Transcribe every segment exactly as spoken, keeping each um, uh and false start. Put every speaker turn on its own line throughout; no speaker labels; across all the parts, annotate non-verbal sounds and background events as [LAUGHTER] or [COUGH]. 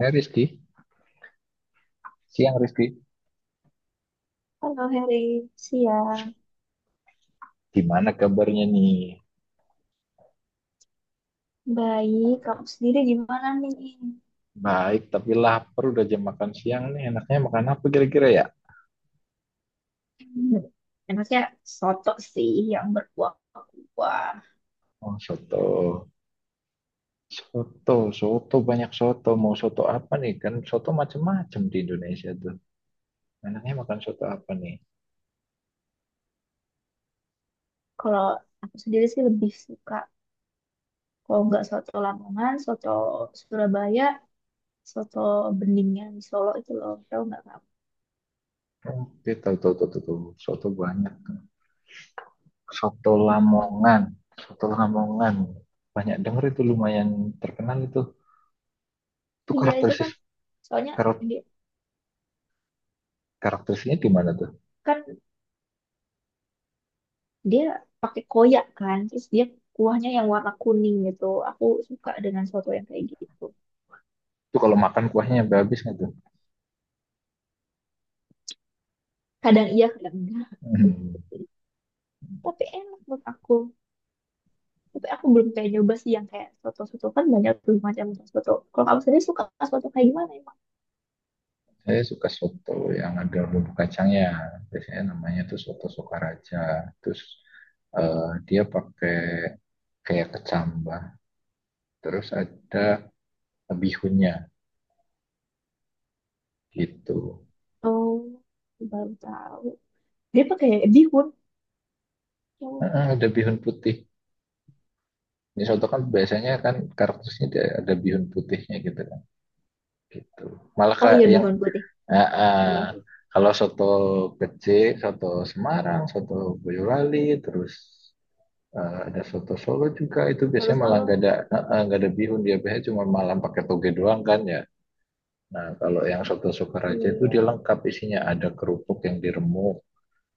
Eh, Rizky, siang Rizky.
Halo Heri, siang.
Gimana kabarnya nih?
Baik, kamu sendiri gimana nih?
Baik, tapi lapar udah jam makan siang nih. Enaknya makan apa kira-kira ya?
Hmm, Enaknya soto sih yang berkuah-kuah.
Oh, soto. Soto, soto, banyak soto. Mau soto apa nih? Kan soto macem-macem di Indonesia tuh. Enaknya makan soto apa nih?
Kalau aku sendiri sih lebih suka, kalau nggak soto Lamongan, soto Surabaya, soto Beningan di Solo itu loh, tahu nggak kamu?
Oke, tahu, tahu, tahu, tahu, tahu. Soto banyak. Soto
Mm-mm.
Lamongan. Soto Lamongan. Banyak denger itu, lumayan terkenal itu. Itu
Iya itu
karakteristik
kan, soalnya
karak-
dia
karakteristiknya gimana tuh?
kan dia pakai koyak kan, terus dia kuahnya yang warna kuning gitu. Aku suka dengan soto yang kayak gitu.
Itu kalau makan kuahnya sampai habis nggak tuh?
Kadang iya, kadang enggak.
Hmm.
Tapi enak menurut aku. Tapi aku belum kayak nyoba sih yang kayak soto-soto kan banyak tuh macam soto. Kalau kamu sendiri suka soto kayak gimana emang?
Saya suka soto yang ada bumbu kacangnya. Biasanya namanya tuh soto Sokaraja. Terus, eh, dia pakai kayak kecambah. Terus ada bihunnya gitu.
Oh, baru tahu dia pakai bihun yang
Heeh, ada bihun putih. Ini soto kan biasanya kan karakternya dia ada bihun putihnya gitu kan. Gitu. Malah
oh
kayak
iya
yang
bihun putih,
eh,
oh iya
eh,
sih
kalau soto kecil, soto Semarang, soto Boyolali, terus Eh, ada soto Solo juga. Itu
soto
biasanya malah nggak
solo,
ada eh, eh, nggak ada bihun, dia biasanya cuma malam pakai toge doang kan ya. Nah, kalau yang soto Sukaraja itu dia
iya
lengkap isinya, ada kerupuk yang diremuk,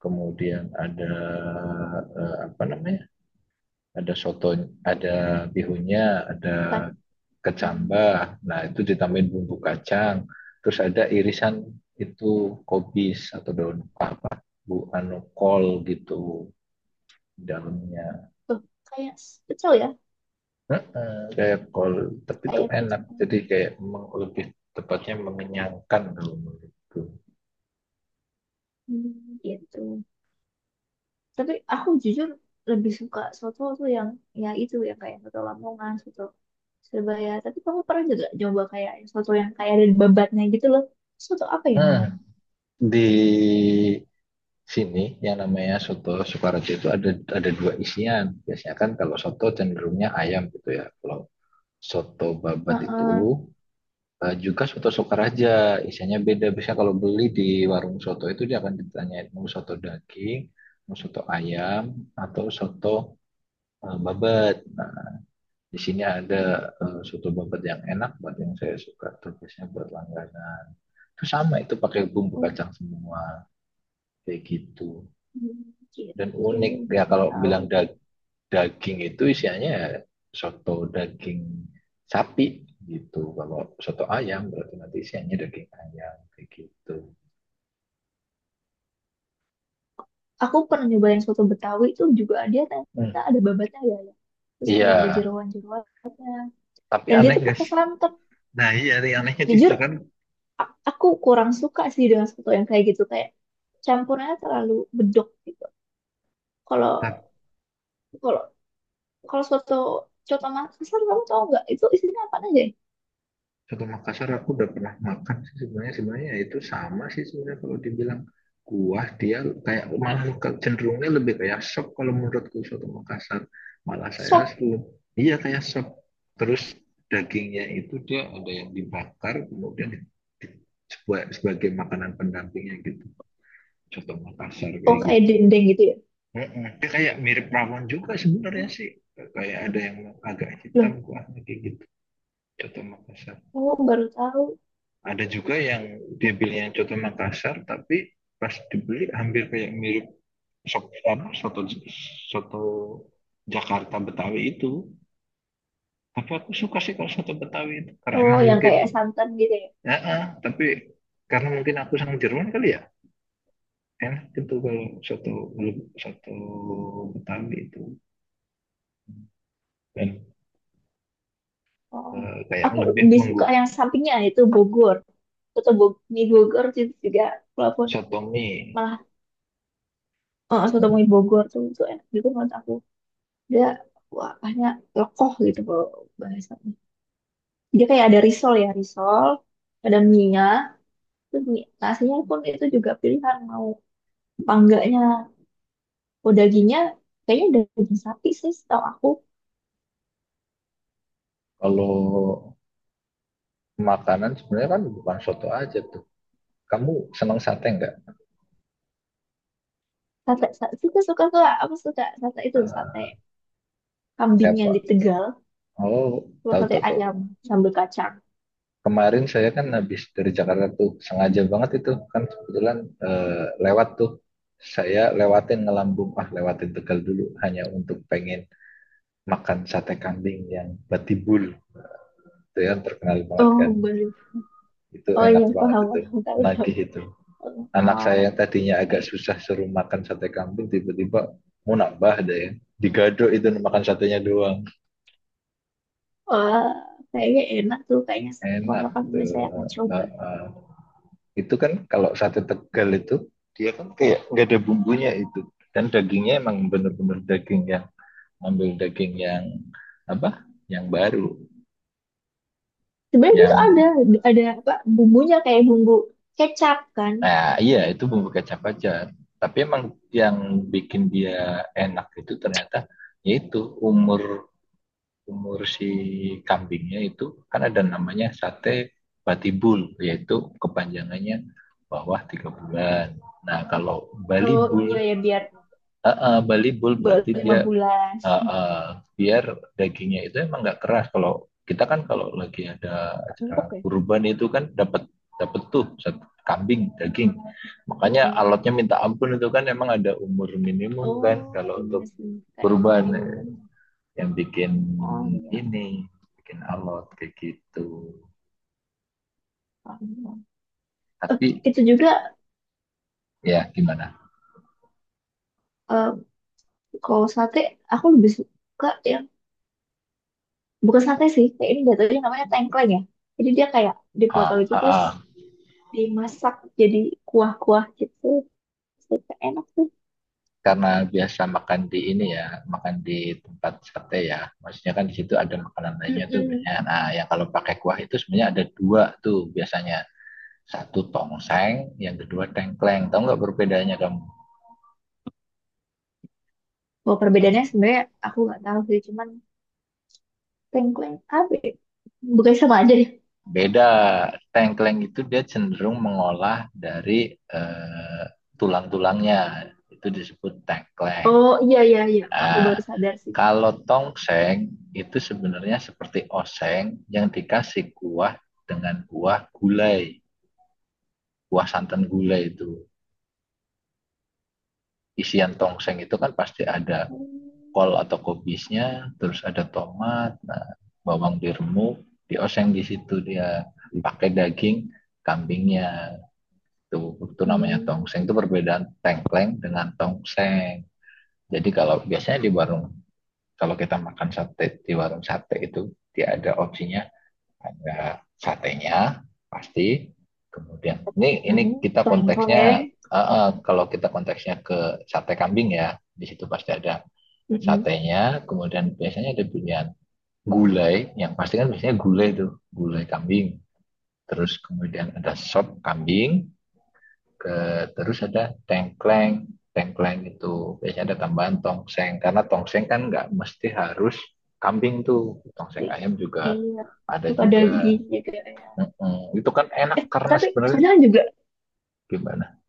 kemudian ada, eh, apa namanya, ada soto, ada bihunnya, ada
kacang
kecambah. Nah, itu ditambahin bumbu kacang, terus ada irisan itu, kobis atau daun apa, bu anu, kol gitu di dalamnya.
tuh kayak pecel ya,
Heeh, kayak kol, tapi itu
kayak pecel.
enak. Jadi kayak memang lebih tepatnya mengenyangkan kalau menurutku.
Hmm, gitu. Tapi aku jujur lebih suka soto tuh yang ya itu yang kayak soto Lamongan, soto Sebaya. Tapi kamu pernah juga coba kayak soto yang kayak ada babatnya gitu loh. Soto apa ya
Nah,
namanya?
di sini yang namanya soto Sukaraja itu ada ada dua isian. Biasanya kan kalau soto cenderungnya ayam gitu ya. Kalau soto babat itu,
Heeh.
eh, juga soto Sukaraja, isinya beda. Biasanya kalau beli di warung soto itu dia akan ditanyain, mau soto daging, mau soto ayam, atau soto, eh, babat. Nah, di sini ada, eh, soto babat yang enak buat yang saya suka, terusnya buat langganan itu sama, itu pakai bumbu
Oh,
kacang semua kayak gitu. Dan
gitu.
unik ya
Baru
kalau
tahu
bilang
aku.
dag- daging itu isiannya ya soto daging sapi gitu. Kalau soto ayam berarti nanti isiannya daging ayam kayak gitu.
Aku pernah nyoba yang soto Betawi itu juga dia ternyata
Hmm.
ada babatnya ya. Ya. Terus
Iya.
kayak ada
Hmm.
jeroan-jeroan.
Tapi
Dan dia
aneh
tuh
guys.
pakai santan.
Nah, iya, yang anehnya di
Jujur,
situ kan.
a- aku kurang suka sih dengan soto yang kayak gitu. Kayak campurnya terlalu bedok gitu. Kalau
Tapi
kalau kalau soto coto Makassar kamu tahu nggak itu isinya apa aja? Ya?
soto Makassar aku udah pernah makan sih sebenarnya sebenarnya ya, itu sama sih sebenarnya kalau dibilang kuah, dia kayak malah ke- cenderungnya lebih kayak sop kalau menurutku. Soto Makassar malah saya
Sop,
selalu, iya, kayak sop. Terus dagingnya itu, dia ada yang dibakar kemudian di- di- sebagai, sebagai makanan pendampingnya gitu, soto Makassar
oh
kayak
kayak
gitu.
dendeng gitu ya.
Mm-mm. Dia kayak mirip rawon juga sebenarnya sih, kayak ada yang agak hitam
Loh,
kuahnya kayak gitu, soto Makassar.
oh baru tahu.
Ada juga yang dia beli yang contoh Makassar, tapi pas dibeli hampir kayak mirip sop, apa, soto soto Jakarta Betawi itu. Tapi aku suka sih kalau soto Betawi itu, karena
Oh,
emang
yang
mungkin,
kayak santan gitu ya.
ya ah, tapi karena mungkin aku sang Jerman kali ya, enak gitu kalau soto soto Betawi itu, dan,
Oh,
eh, kayak
aku
lebih
lebih
menggu,
suka yang sampingnya itu Bogor. Soto Bog mie Bogor itu juga walaupun
soto mie.
malah eh, soto mie Bogor tuh itu enak gitu menurut aku. Dia wah, banyak lekoh gitu kalau bahasanya. Dia kayak ada risol ya, risol, ada mie-nya, terus mie nasinya pun itu juga pilihan mau apa enggaknya. Oh, dagingnya kayaknya daging sapi sih setahu aku.
Kalau makanan sebenarnya kan bukan soto aja tuh, kamu senang sate nggak?
Sate, sate, suka, suka, suka. Aku suka sate itu, sate
Eh,
kambing yang
apa?
di Tegal,
Oh,
cuma
tahu,
sate
tahu, tahu.
ayam sambal kacang.
Kemarin saya kan habis dari Jakarta tuh, sengaja banget itu kan, kebetulan, eh, lewat tuh. Saya lewatin, ngelambung ah lewatin Tegal dulu hanya untuk pengen makan sate kambing yang Batibul itu, yang terkenal banget kan.
Oh baru,
Itu
oh iya
enak banget
paham
itu.
paham tahu tahu.
Nagih itu. Anak
Ah,
saya yang tadinya agak
kayak
susah suruh makan sate kambing tiba-tiba mau nambah deh. Digado itu, makan satenya doang.
wah kayaknya enak tuh, kayaknya sa-
Enak
kapan-kapan
gitu.
mungkin saya akan coba.
Heeh. Itu kan kalau sate Tegal itu, dia kan kayak nggak ada bumbunya itu, dan dagingnya emang benar-benar daging yang, ambil daging yang, apa, yang baru,
Sebenarnya itu ada
yang,
ada apa bumbunya kayak bumbu kecap kan.
nah iya, itu bumbu kecap aja. Tapi emang yang bikin dia enak itu ternyata yaitu umur umur si kambingnya itu. Kan ada namanya sate batibul, yaitu kepanjangannya bawah tiga bulan. Nah kalau
Oh
balibul,
iya ya biar
uh, uh, balibul
baru
berarti
lima
dia,
bulan.
Ah, ah, biar dagingnya itu emang nggak keras. Kalau kita kan kalau lagi ada
Gak
acara
empuk ya?
kurban itu kan dapat dapat tuh satu kambing daging. Makanya
Mm-mm.
alatnya minta ampun itu, kan emang ada umur minimum kan
Oh
kalau
iya
untuk
sih kayak
kurban,
minum,
eh, yang bikin
oh iya
ini bikin alot kayak gitu.
paham. Paham. Eh,
Tapi
itu juga
ya gimana?
eh, kalau sate aku lebih suka yang bukan sate sih, kayak ini jatuhnya namanya tengkleng ya. Jadi dia kayak dipotong
Ah,
itu
ah,
terus
ah.
dimasak jadi kuah-kuah gitu, super enak tuh.
Karena biasa makan di ini ya, makan di tempat sate ya. Maksudnya kan di situ ada makanan lainnya tuh
Mm.
biasanya. Nah, yang kalau pakai kuah itu sebenarnya ada dua tuh biasanya. Satu tongseng, yang kedua tengkleng. Tahu nggak perbedaannya kamu?
Bahwa perbedaannya sebenarnya aku nggak tahu sih, cuman tengkleng apa ya? Bukan sama aja ya?
Beda. Tengkleng itu dia cenderung mengolah dari, eh, tulang-tulangnya. Itu disebut tengkleng.
Oh iya iya iya aku baru
Nah,
sadar sih.
kalau tongseng itu sebenarnya seperti oseng yang dikasih kuah, dengan kuah gulai, kuah santan gulai itu. Isian tongseng itu kan pasti ada
Hmm.
kol atau kobisnya, terus ada tomat, nah, bawang diremuk, dioseng di situ, dia pakai daging kambingnya. Itu, itu namanya tongseng. Itu
Iya.
perbedaan tengkleng dengan tongseng. Jadi kalau biasanya di warung, kalau kita makan sate di warung sate itu, dia ada opsinya, ada satenya pasti. Kemudian ini ini
Mm-mm.
kita
Tengkleng.
konteksnya, eh, eh, kalau kita konteksnya ke sate kambing ya, di situ pasti ada
Mm-mm.
satenya. Kemudian biasanya ada pilihan, gulai yang pasti, kan biasanya gulai tuh gulai kambing, terus kemudian ada sop kambing, ke terus ada tengkleng. Tengkleng itu biasanya ada tambahan tongseng, karena tongseng kan nggak mesti harus kambing tuh, tongseng
I-
ayam juga
iya
ada
suka
juga.
dagingnya kayak
Mm-mm. Itu kan
eh
enak karena
tapi
sebenarnya,
kadang juga
gimana?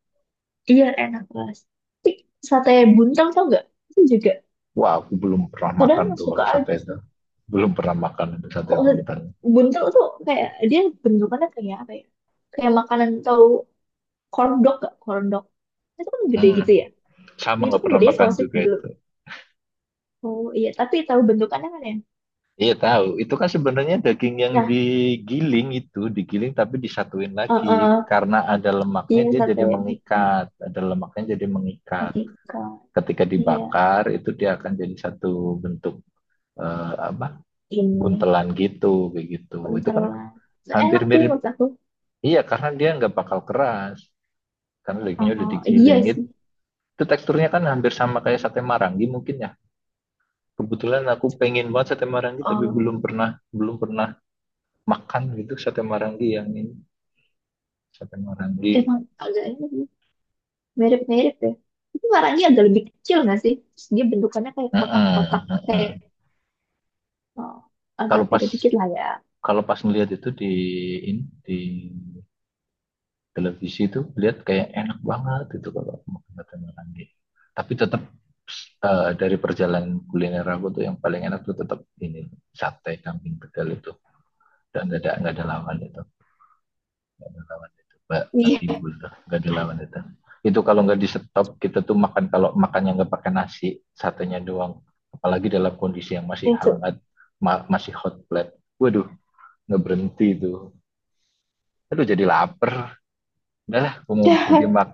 iya enak banget. Tapi sate buntel tau nggak, itu juga
Wah, aku belum pernah
kadang
makan tuh
suka
kalau sate
aja
itu.
sih
Belum pernah makan itu sate
kok.
Mentang.
Buntel tuh kayak dia bentukannya kayak apa ya, kayak makanan tahu corn dog gak corn dog, itu kan gede
Hmm,
gitu ya.
sama
Itu
nggak
kan
pernah
bedanya
makan
sausage
juga
gitu.
itu.
Oh iya tapi tahu bentukannya kan ya.
Iya, tahu, itu kan sebenarnya daging yang
Nah,
digiling itu, digiling tapi disatuin
eh,
lagi.
eh,
Karena ada lemaknya
iya
dia
sate
jadi
betul,
mengikat, ada lemaknya jadi mengikat.
oke Kak.
Ketika
Iya
dibakar itu dia akan jadi satu bentuk, eh, apa,
ini
buntelan gitu, begitu. Itu kan
buntelan,
hampir
enak sih
mirip.
menurut aku.
Iya, karena dia nggak bakal keras. Karena dagingnya udah
Oh, iya
digiling.
sih.
Itu teksturnya kan hampir sama kayak sate marangi mungkin ya. Kebetulan aku pengen banget sate marangi, tapi belum
Oh,
pernah belum pernah makan gitu sate marangi yang ini, sate marangi.
emang agak ini sih, mirip-mirip ya. Itu warnanya agak lebih kecil nggak sih? Terus dia bentukannya kayak
Heeh,
kotak-kotak,
heeh.
kayak, oh, agak
Kalau pas
beda dikit lah ya.
kalau pas ngelihat itu di ini, di televisi itu, lihat kayak enak banget itu kalau aku makan sate marangi. Tapi tetap, eh, dari perjalanan kuliner aku tuh yang paling enak tuh tetap ini, sate kambing Tegal itu. Dan nggak ada nggak ada lawan itu. Nggak ada lawan itu, nggak
Iya,
patibul, nggak ada lawan itu. Itu kalau nggak di stop, kita tuh makan, kalau makannya nggak pakai nasi, satenya doang, apalagi dalam kondisi yang masih
itu.
hangat, ma- masih hot plate, waduh, nggak berhenti itu. Aduh, jadi lapar. Udahlah, gue mau pergi
Udah.
mak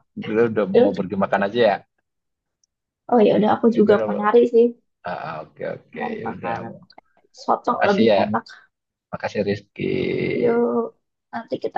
udah,
[LAUGHS]
mau
Terus,
pergi makan aja ya.
oh ya udah aku
Ya,
juga
gue
mau
udah.
nyari sih,
Ah, oke, oke,
nyari
ya udah.
makanan soto
Makasih
lebih
ya,
enak.
makasih Rizky.
Yuk, nanti kita